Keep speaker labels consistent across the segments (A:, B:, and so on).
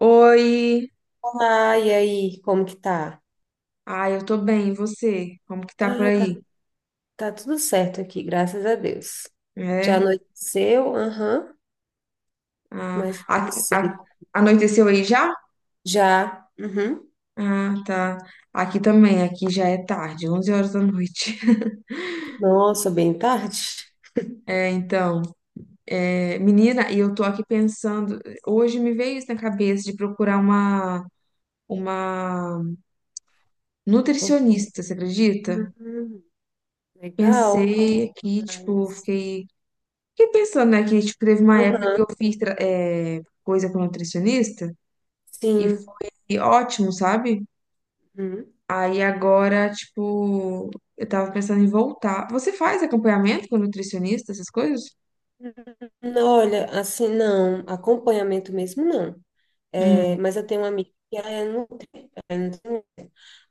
A: Oi!
B: Olá, e aí, como que tá?
A: Ai, eu tô bem, e você? Como que tá por
B: Ah, tá,
A: aí?
B: tá tudo certo aqui, graças a Deus. Já
A: É?
B: anoiteceu? Aham,
A: Ah,
B: mas sim.
A: anoiteceu aí já?
B: Já? Uhum.
A: Ah, tá. Aqui também, aqui já é tarde, 11 horas da noite.
B: Nossa, bem tarde?
A: É, então, menina, e eu tô aqui pensando, hoje me veio isso na cabeça de procurar uma nutricionista, você acredita?
B: Uhum, legal.
A: Pensei aqui, tipo,
B: Mas,
A: fiquei pensando, né, que tipo, teve uma época que eu
B: aham,
A: fiz coisa com nutricionista, e
B: sim.
A: e ótimo, sabe?
B: Uhum.
A: Aí agora, tipo, eu tava pensando em voltar. Você faz acompanhamento com nutricionista, essas coisas?
B: Não, olha, assim, não, acompanhamento mesmo não. É,
A: Hum,
B: mas eu tenho uma amiga que ela é. Então,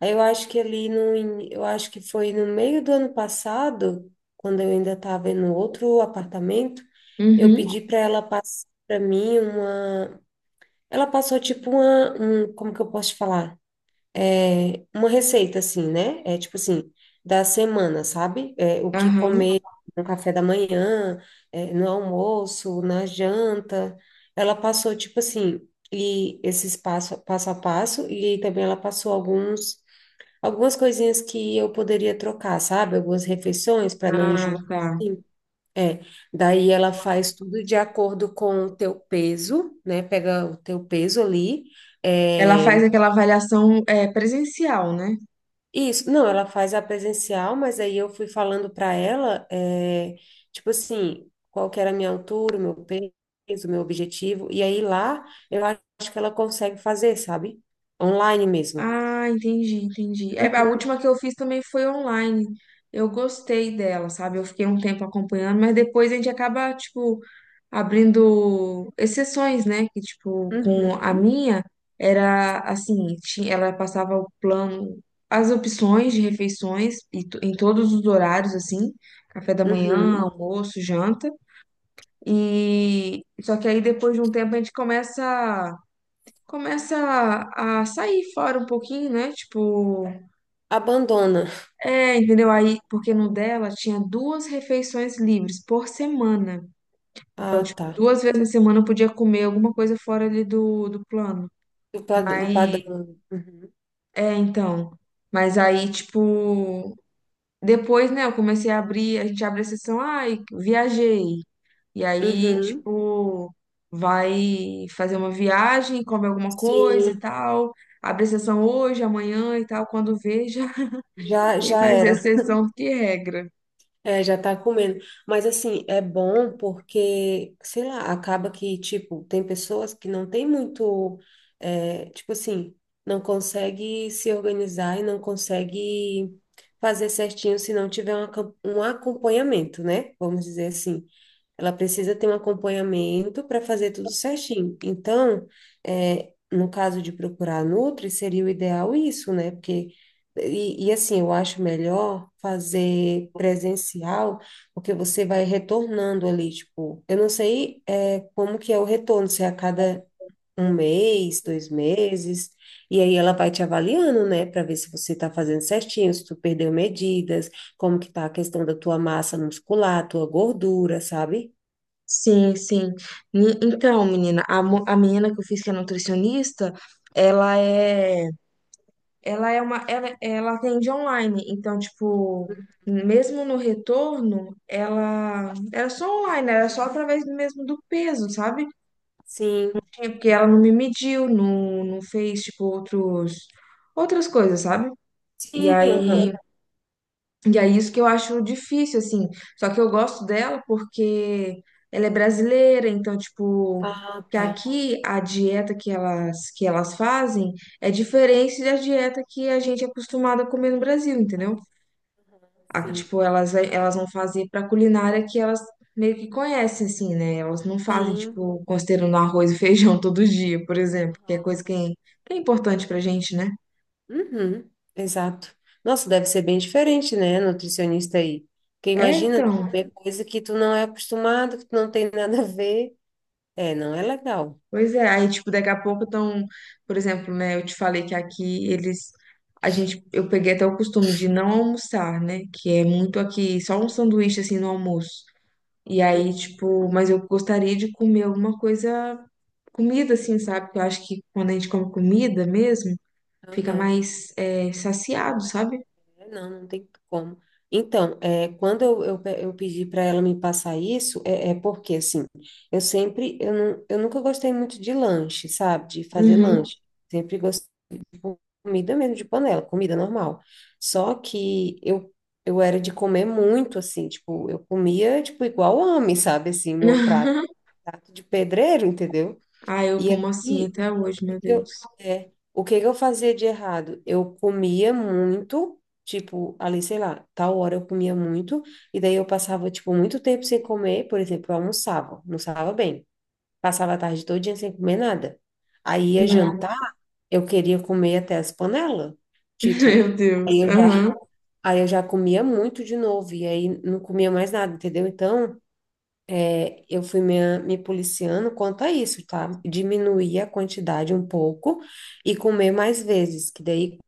B: aí eu acho que ali no, in- eu acho que foi no meio do ano passado, quando eu ainda estava no outro apartamento, eu
A: uhum,
B: pedi para ela passar para mim uma, ela passou tipo uma, um, como que eu posso te falar? É, uma receita assim, né? É tipo assim, da semana, sabe? É, o que
A: aham.
B: comer no café da manhã, é, no almoço, na janta. Ela passou tipo assim, e esses passo a passo, e também ela passou alguns. Algumas coisinhas que eu poderia trocar, sabe? Algumas refeições para não
A: Ah,
B: enjoar.
A: tá.
B: Sim, é, daí ela faz tudo de acordo com o teu peso, né? Pega o teu peso ali.
A: Ela faz
B: É,
A: aquela avaliação, é, presencial, né?
B: isso, não, ela faz a presencial, mas aí eu fui falando para ela, é, tipo assim, qual que era a minha altura, o meu peso, o meu objetivo. E aí lá eu acho que ela consegue fazer, sabe? Online mesmo.
A: Ah, entendi, entendi. É, a
B: Uhum,
A: última que eu fiz também foi online. Eu gostei dela, sabe? Eu fiquei um tempo acompanhando, mas depois a gente acaba, tipo, abrindo exceções, né? Que, tipo, com a
B: uhum,
A: minha, era assim, ela passava o plano, as opções de refeições e em todos os horários, assim, café da manhã,
B: uhum.
A: almoço, janta. E só que aí depois de um tempo a gente começa a sair fora um pouquinho, né? Tipo,
B: Abandona.
A: é, entendeu? Aí, porque no dela tinha duas refeições livres por semana. Então,
B: Ah,
A: tipo,
B: tá.
A: duas vezes na semana eu podia comer alguma coisa fora ali do plano.
B: Do
A: Mas,
B: padrão. Uhum.
A: é, então. Mas aí, tipo, depois, né, eu comecei a abrir, a gente abre a sessão, ai, viajei. E aí,
B: Uhum.
A: tipo, vai fazer uma viagem, come alguma coisa e
B: Sim,
A: tal. Abre a sessão hoje, amanhã e tal, quando veja, tem
B: já
A: mais
B: era.
A: exceção do que regra.
B: É, já tá comendo. Mas assim, é bom porque, sei lá, acaba que, tipo, tem pessoas que não tem muito, é, tipo assim, não consegue se organizar e não consegue fazer certinho se não tiver um, um acompanhamento, né? Vamos dizer assim. Ela precisa ter um acompanhamento para fazer tudo certinho. Então, é, no caso de procurar a Nutri, seria o ideal isso, né? Porque, e assim, eu acho melhor fazer presencial, porque você vai retornando ali, tipo, eu não sei, é, como que é o retorno, se é a cada um mês, dois meses, e aí ela vai te avaliando, né, para ver se você está fazendo certinho, se tu perdeu medidas, como que tá a questão da tua massa muscular, tua gordura, sabe?
A: Sim, sim. Então, menina, a menina que eu fiz que é nutricionista, ela é ela é ela atende online, então, tipo, mesmo no retorno, ela era só online, era só através do mesmo do peso, sabe?
B: Sim.
A: É. Porque ela não me mediu, não, não fez, tipo, outras coisas, sabe? E
B: Sim,
A: aí,
B: aham.
A: e é isso que eu acho difícil, assim. Só que eu gosto dela porque ela é brasileira, então, tipo,
B: Ah,
A: que
B: tá.
A: aqui a dieta que elas fazem é diferente da dieta que a gente é acostumado a comer no Brasil, entendeu?
B: Aham,
A: Ah,
B: sim.
A: tipo, elas vão fazer pra culinária que elas meio que conhecem, assim, né? Elas não fazem,
B: Sim.
A: tipo, considerando arroz e feijão todo dia, por exemplo, que é
B: Aham.
A: que é importante pra gente, né?
B: Uhum. Exato. Nossa, deve ser bem diferente, né, nutricionista aí. Porque
A: É,
B: imagina tu
A: então.
B: comer coisa que tu não é acostumado, que tu não tem nada a ver. É, não é legal.
A: Pois é, aí, tipo, daqui a pouco estão, por exemplo, né, eu te falei que aqui eles, a gente, eu peguei até o costume de não almoçar, né, que é muito aqui, só um sanduíche, assim, no almoço, e
B: Hum,
A: aí, tipo, mas eu gostaria de comer alguma coisa, comida, assim, sabe, que eu acho que quando a gente come comida mesmo, fica
B: Aham.
A: mais, é,
B: Ah, não.
A: saciado, sabe?
B: É, não, não tem como. Então, é, quando eu pedi para ela me passar isso, é, é porque, assim, eu sempre, não, eu nunca gostei muito de lanche, sabe? De fazer
A: Uhum.
B: lanche. Sempre gostei de comida mesmo de panela, comida normal. Só que eu era de comer muito, assim, tipo, eu comia, tipo, igual homem, sabe? Assim, prato de pedreiro, entendeu?
A: Ah, eu
B: E aí,
A: como assim até hoje, meu Deus.
B: o que que eu fazia de errado? Eu comia muito, tipo, ali, sei lá, tal hora eu comia muito, e daí eu passava, tipo, muito tempo sem comer, por exemplo, eu almoçava, almoçava bem, passava a tarde todinha sem comer nada. Aí ia
A: Hum.
B: jantar, eu queria comer até as panelas, tipo,
A: Meu
B: aí
A: Deus,
B: eu já,
A: aham,
B: aí eu já comia muito de novo, e aí não comia mais nada, entendeu? Então, é, eu fui me policiando quanto a isso, tá? Diminuir a quantidade um pouco e comer mais vezes, que daí, quando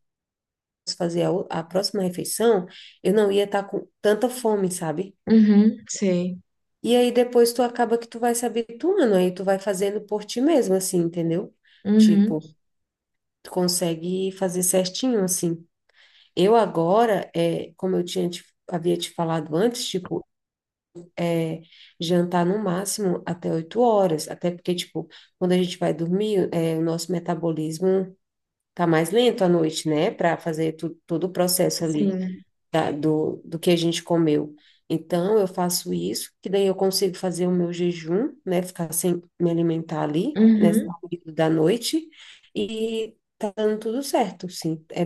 B: eu fazer a próxima refeição, eu não ia estar com tanta fome, sabe?
A: uhum, sei,
B: E aí depois tu acaba que tu vai se habituando, aí tu vai fazendo por ti mesmo, assim, entendeu?
A: uhum,
B: Tipo, tu consegue fazer certinho, assim. Eu agora, é, como eu tinha havia te falado antes, tipo, é, jantar no máximo até 8 horas, até porque, tipo, quando a gente vai dormir, é, o nosso metabolismo tá mais lento à noite, né, para fazer todo o processo ali
A: sim.
B: do, do que a gente comeu. Então, eu faço isso, que daí eu consigo fazer o meu jejum, né, ficar sem me alimentar ali, nesse
A: Uhum,
B: período da noite, e tá dando tudo certo, sim. É,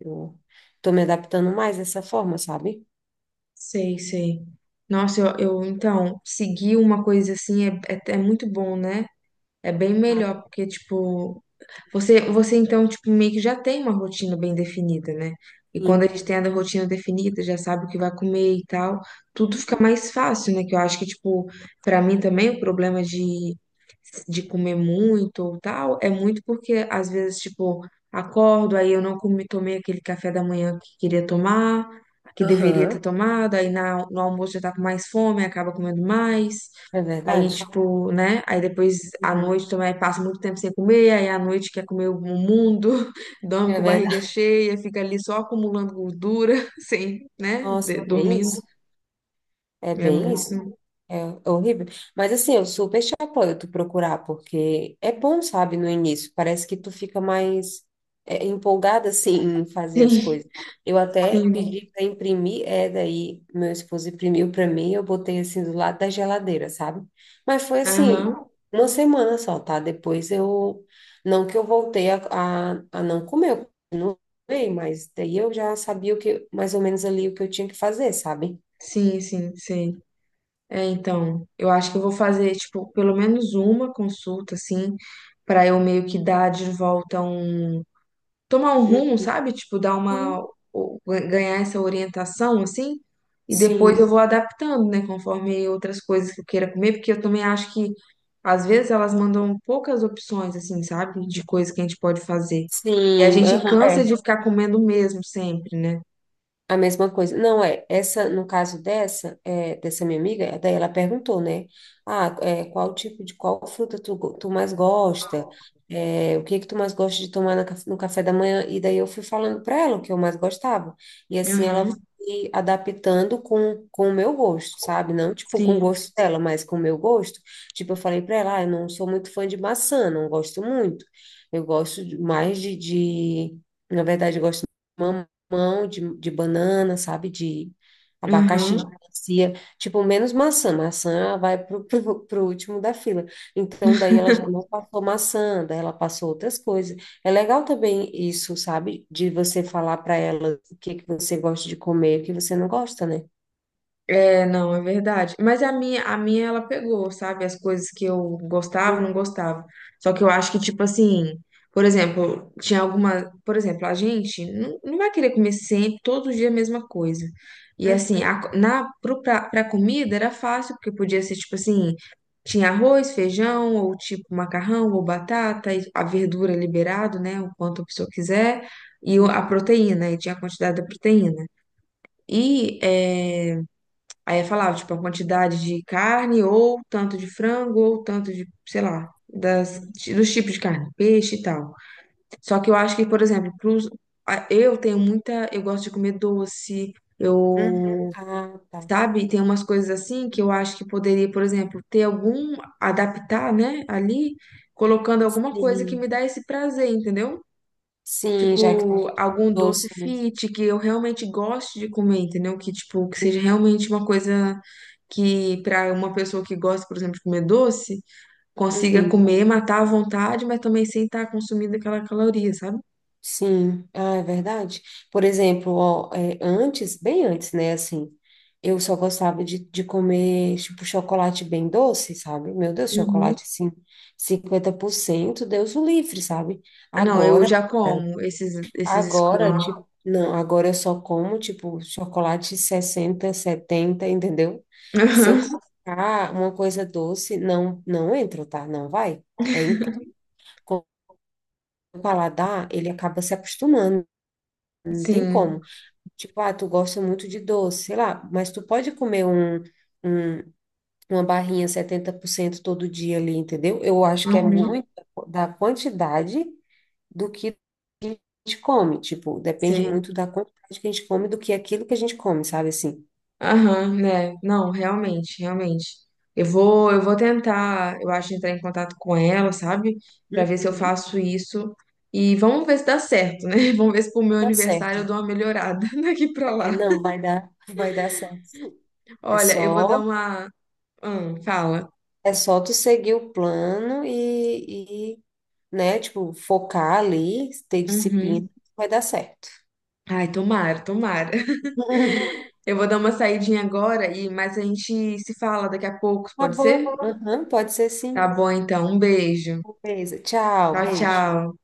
B: eu tô me adaptando mais dessa forma, sabe?
A: sei, sei. Nossa, eu então, seguir uma coisa assim é muito bom, né? É bem
B: Ah,
A: melhor, porque, tipo, você então, tipo, meio que já tem uma rotina bem definida, né? E quando a
B: sim.
A: gente tem a rotina definida, já sabe o que vai comer e tal, tudo fica
B: Uhum.
A: mais fácil, né? Que eu acho que, tipo, pra mim também o problema de comer muito ou tal é muito porque, às vezes, tipo, acordo, aí eu não comi, tomei aquele café da manhã que queria tomar, que deveria ter
B: Aham,
A: tomado, aí no almoço já tá com mais fome, acaba comendo mais.
B: é
A: Aí,
B: verdade.
A: tipo, né? Aí depois à
B: Uhum.
A: noite também passa muito tempo sem comer, aí à noite quer comer o mundo, dorme
B: É
A: com barriga
B: verdade.
A: cheia, fica ali só acumulando gordura, sem, né?
B: Nossa, bem
A: Dormindo.
B: isso. É
A: É
B: bem
A: muito.
B: isso. É horrível. Mas assim, eu super te apoio tu procurar, porque é bom, sabe, no início. Parece que tu fica mais é, empolgada, assim, em fazer
A: Sim,
B: as coisas. Eu até
A: sim.
B: pedi para imprimir, é, daí meu esposo imprimiu para mim, eu botei assim do lado da geladeira, sabe? Mas foi assim,
A: Aham.
B: uma semana só, tá? Depois eu. Não que eu voltei a não comer, eu continuei, mas daí eu já sabia o que, mais ou menos ali o que eu tinha que fazer, sabe?
A: Sim, sim, sim. É, então, eu acho que eu vou fazer, tipo, pelo menos uma consulta, assim, pra eu meio que dar de volta um tomar um rumo, sabe? Tipo, dar
B: Sim.
A: uma, o- ganhar essa orientação, assim, e depois eu
B: Sim,
A: vou adaptando, né, conforme outras coisas que eu queira comer, porque eu também acho que, às vezes, elas mandam poucas opções, assim, sabe? De coisas que a gente pode fazer. E a
B: sim,
A: gente
B: aham,
A: cansa de
B: é.
A: ficar comendo o mesmo sempre, né?
B: A mesma coisa. Não, é, essa, no caso dessa, é, dessa minha amiga, daí ela perguntou, né? Ah, é, qual fruta tu, tu mais gosta? É, o que que tu mais gosta de tomar na no café da manhã? E daí eu fui falando para ela o que eu mais gostava. E assim ela
A: Aham,
B: foi adaptando com o meu gosto, sabe? Não tipo com o
A: sim.
B: gosto dela, mas com o meu gosto. Tipo, eu falei para ela, ah, eu não sou muito fã de maçã, não gosto muito. Eu gosto na verdade, eu gosto de mamão de banana, sabe? De abacaxi, de
A: Aham.
B: melancia. Tipo, menos maçã. Maçã vai pro último da fila. Então, daí ela já não passou maçã, daí ela passou outras coisas. É legal também isso, sabe? De você falar para ela o que que você gosta de comer, o que você não gosta, né?
A: É, não, é verdade. Mas a minha ela pegou, sabe? As coisas que eu gostava, não
B: Hum,
A: gostava. Só que eu acho que, tipo assim, por exemplo, tinha alguma. Por exemplo, a gente não vai querer comer sempre, todo dia a mesma coisa. E assim,
B: uhum,
A: a, co- na, pro, pra, pra comida era fácil, porque podia ser, tipo assim, tinha arroz, feijão, ou tipo macarrão, ou batata, e a verdura liberado, né? O quanto a pessoa quiser, e a
B: hum,
A: proteína, e tinha a quantidade da proteína. E. É, Aí eu falava, tipo, a quantidade de carne, ou tanto de frango, ou tanto de, sei lá, das, dos tipos de carne, peixe e tal. Só que eu acho que, por exemplo, eu tenho muita. Eu gosto de comer doce,
B: hum.
A: eu.
B: Ah, tá.
A: Sabe? Tem umas coisas assim que eu acho que poderia, por exemplo, ter algum. Adaptar, né? Ali, colocando alguma coisa que
B: Sim.
A: me dá esse prazer, entendeu?
B: Sim, já que tu
A: Tipo,
B: gosta de
A: algum doce
B: doce, né?
A: fit que eu realmente goste de comer, entendeu? Que, tipo, que seja realmente uma coisa que, pra uma pessoa que gosta, por exemplo, de comer doce, consiga
B: Uhum.
A: comer, matar à vontade, mas também sem estar consumindo aquela caloria, sabe?
B: Sim, ah, é verdade. Por exemplo, ó, é, antes, bem antes, né, assim, eu só gostava de comer, tipo, chocolate bem doce, sabe? Meu Deus,
A: Uhum.
B: chocolate, assim, 50% Deus o livre, sabe?
A: Ah, não, eu
B: Agora,
A: já como esses, esses
B: agora,
A: escuros.
B: tipo, não, agora eu só como, tipo, chocolate 60 70 entendeu? Se eu colocar uma coisa doce, não, não entra, tá? Não vai. É, com o paladar, ele acaba se acostumando, não tem
A: Sim.
B: como. Tipo, ah, tu gosta muito de doce, sei lá, mas tu pode comer um- uma barrinha 70% todo dia ali, entendeu? Eu acho que é
A: Uhum.
B: muito da quantidade do que a gente come, tipo, depende
A: Sei.
B: muito da quantidade que a gente come do que aquilo que a gente come, sabe assim?
A: Aham, né? Não, realmente, realmente. Eu vou tentar, eu acho, entrar em contato com ela, sabe? Pra ver se eu
B: Uhum,
A: faço isso. E vamos ver se dá certo, né? Vamos ver se pro meu
B: vai dar
A: aniversário eu
B: certo.
A: dou uma melhorada daqui pra
B: É,
A: lá.
B: não, vai dar, vai dar certo, sim. É
A: Olha, eu vou dar
B: só,
A: uma. Fala.
B: é só tu seguir o plano né, tipo, focar ali, ter
A: Uhum.
B: disciplina, vai dar certo.
A: Ai, tomara, tomara. Eu vou dar uma saidinha agora, e mas a gente se fala daqui a pouco,
B: Tá
A: pode ser?
B: bom, aham, pode ser
A: Tá
B: sim.
A: bom, então. Um beijo.
B: Beleza. Tchau,
A: Tchau,
B: beijo.
A: tchau.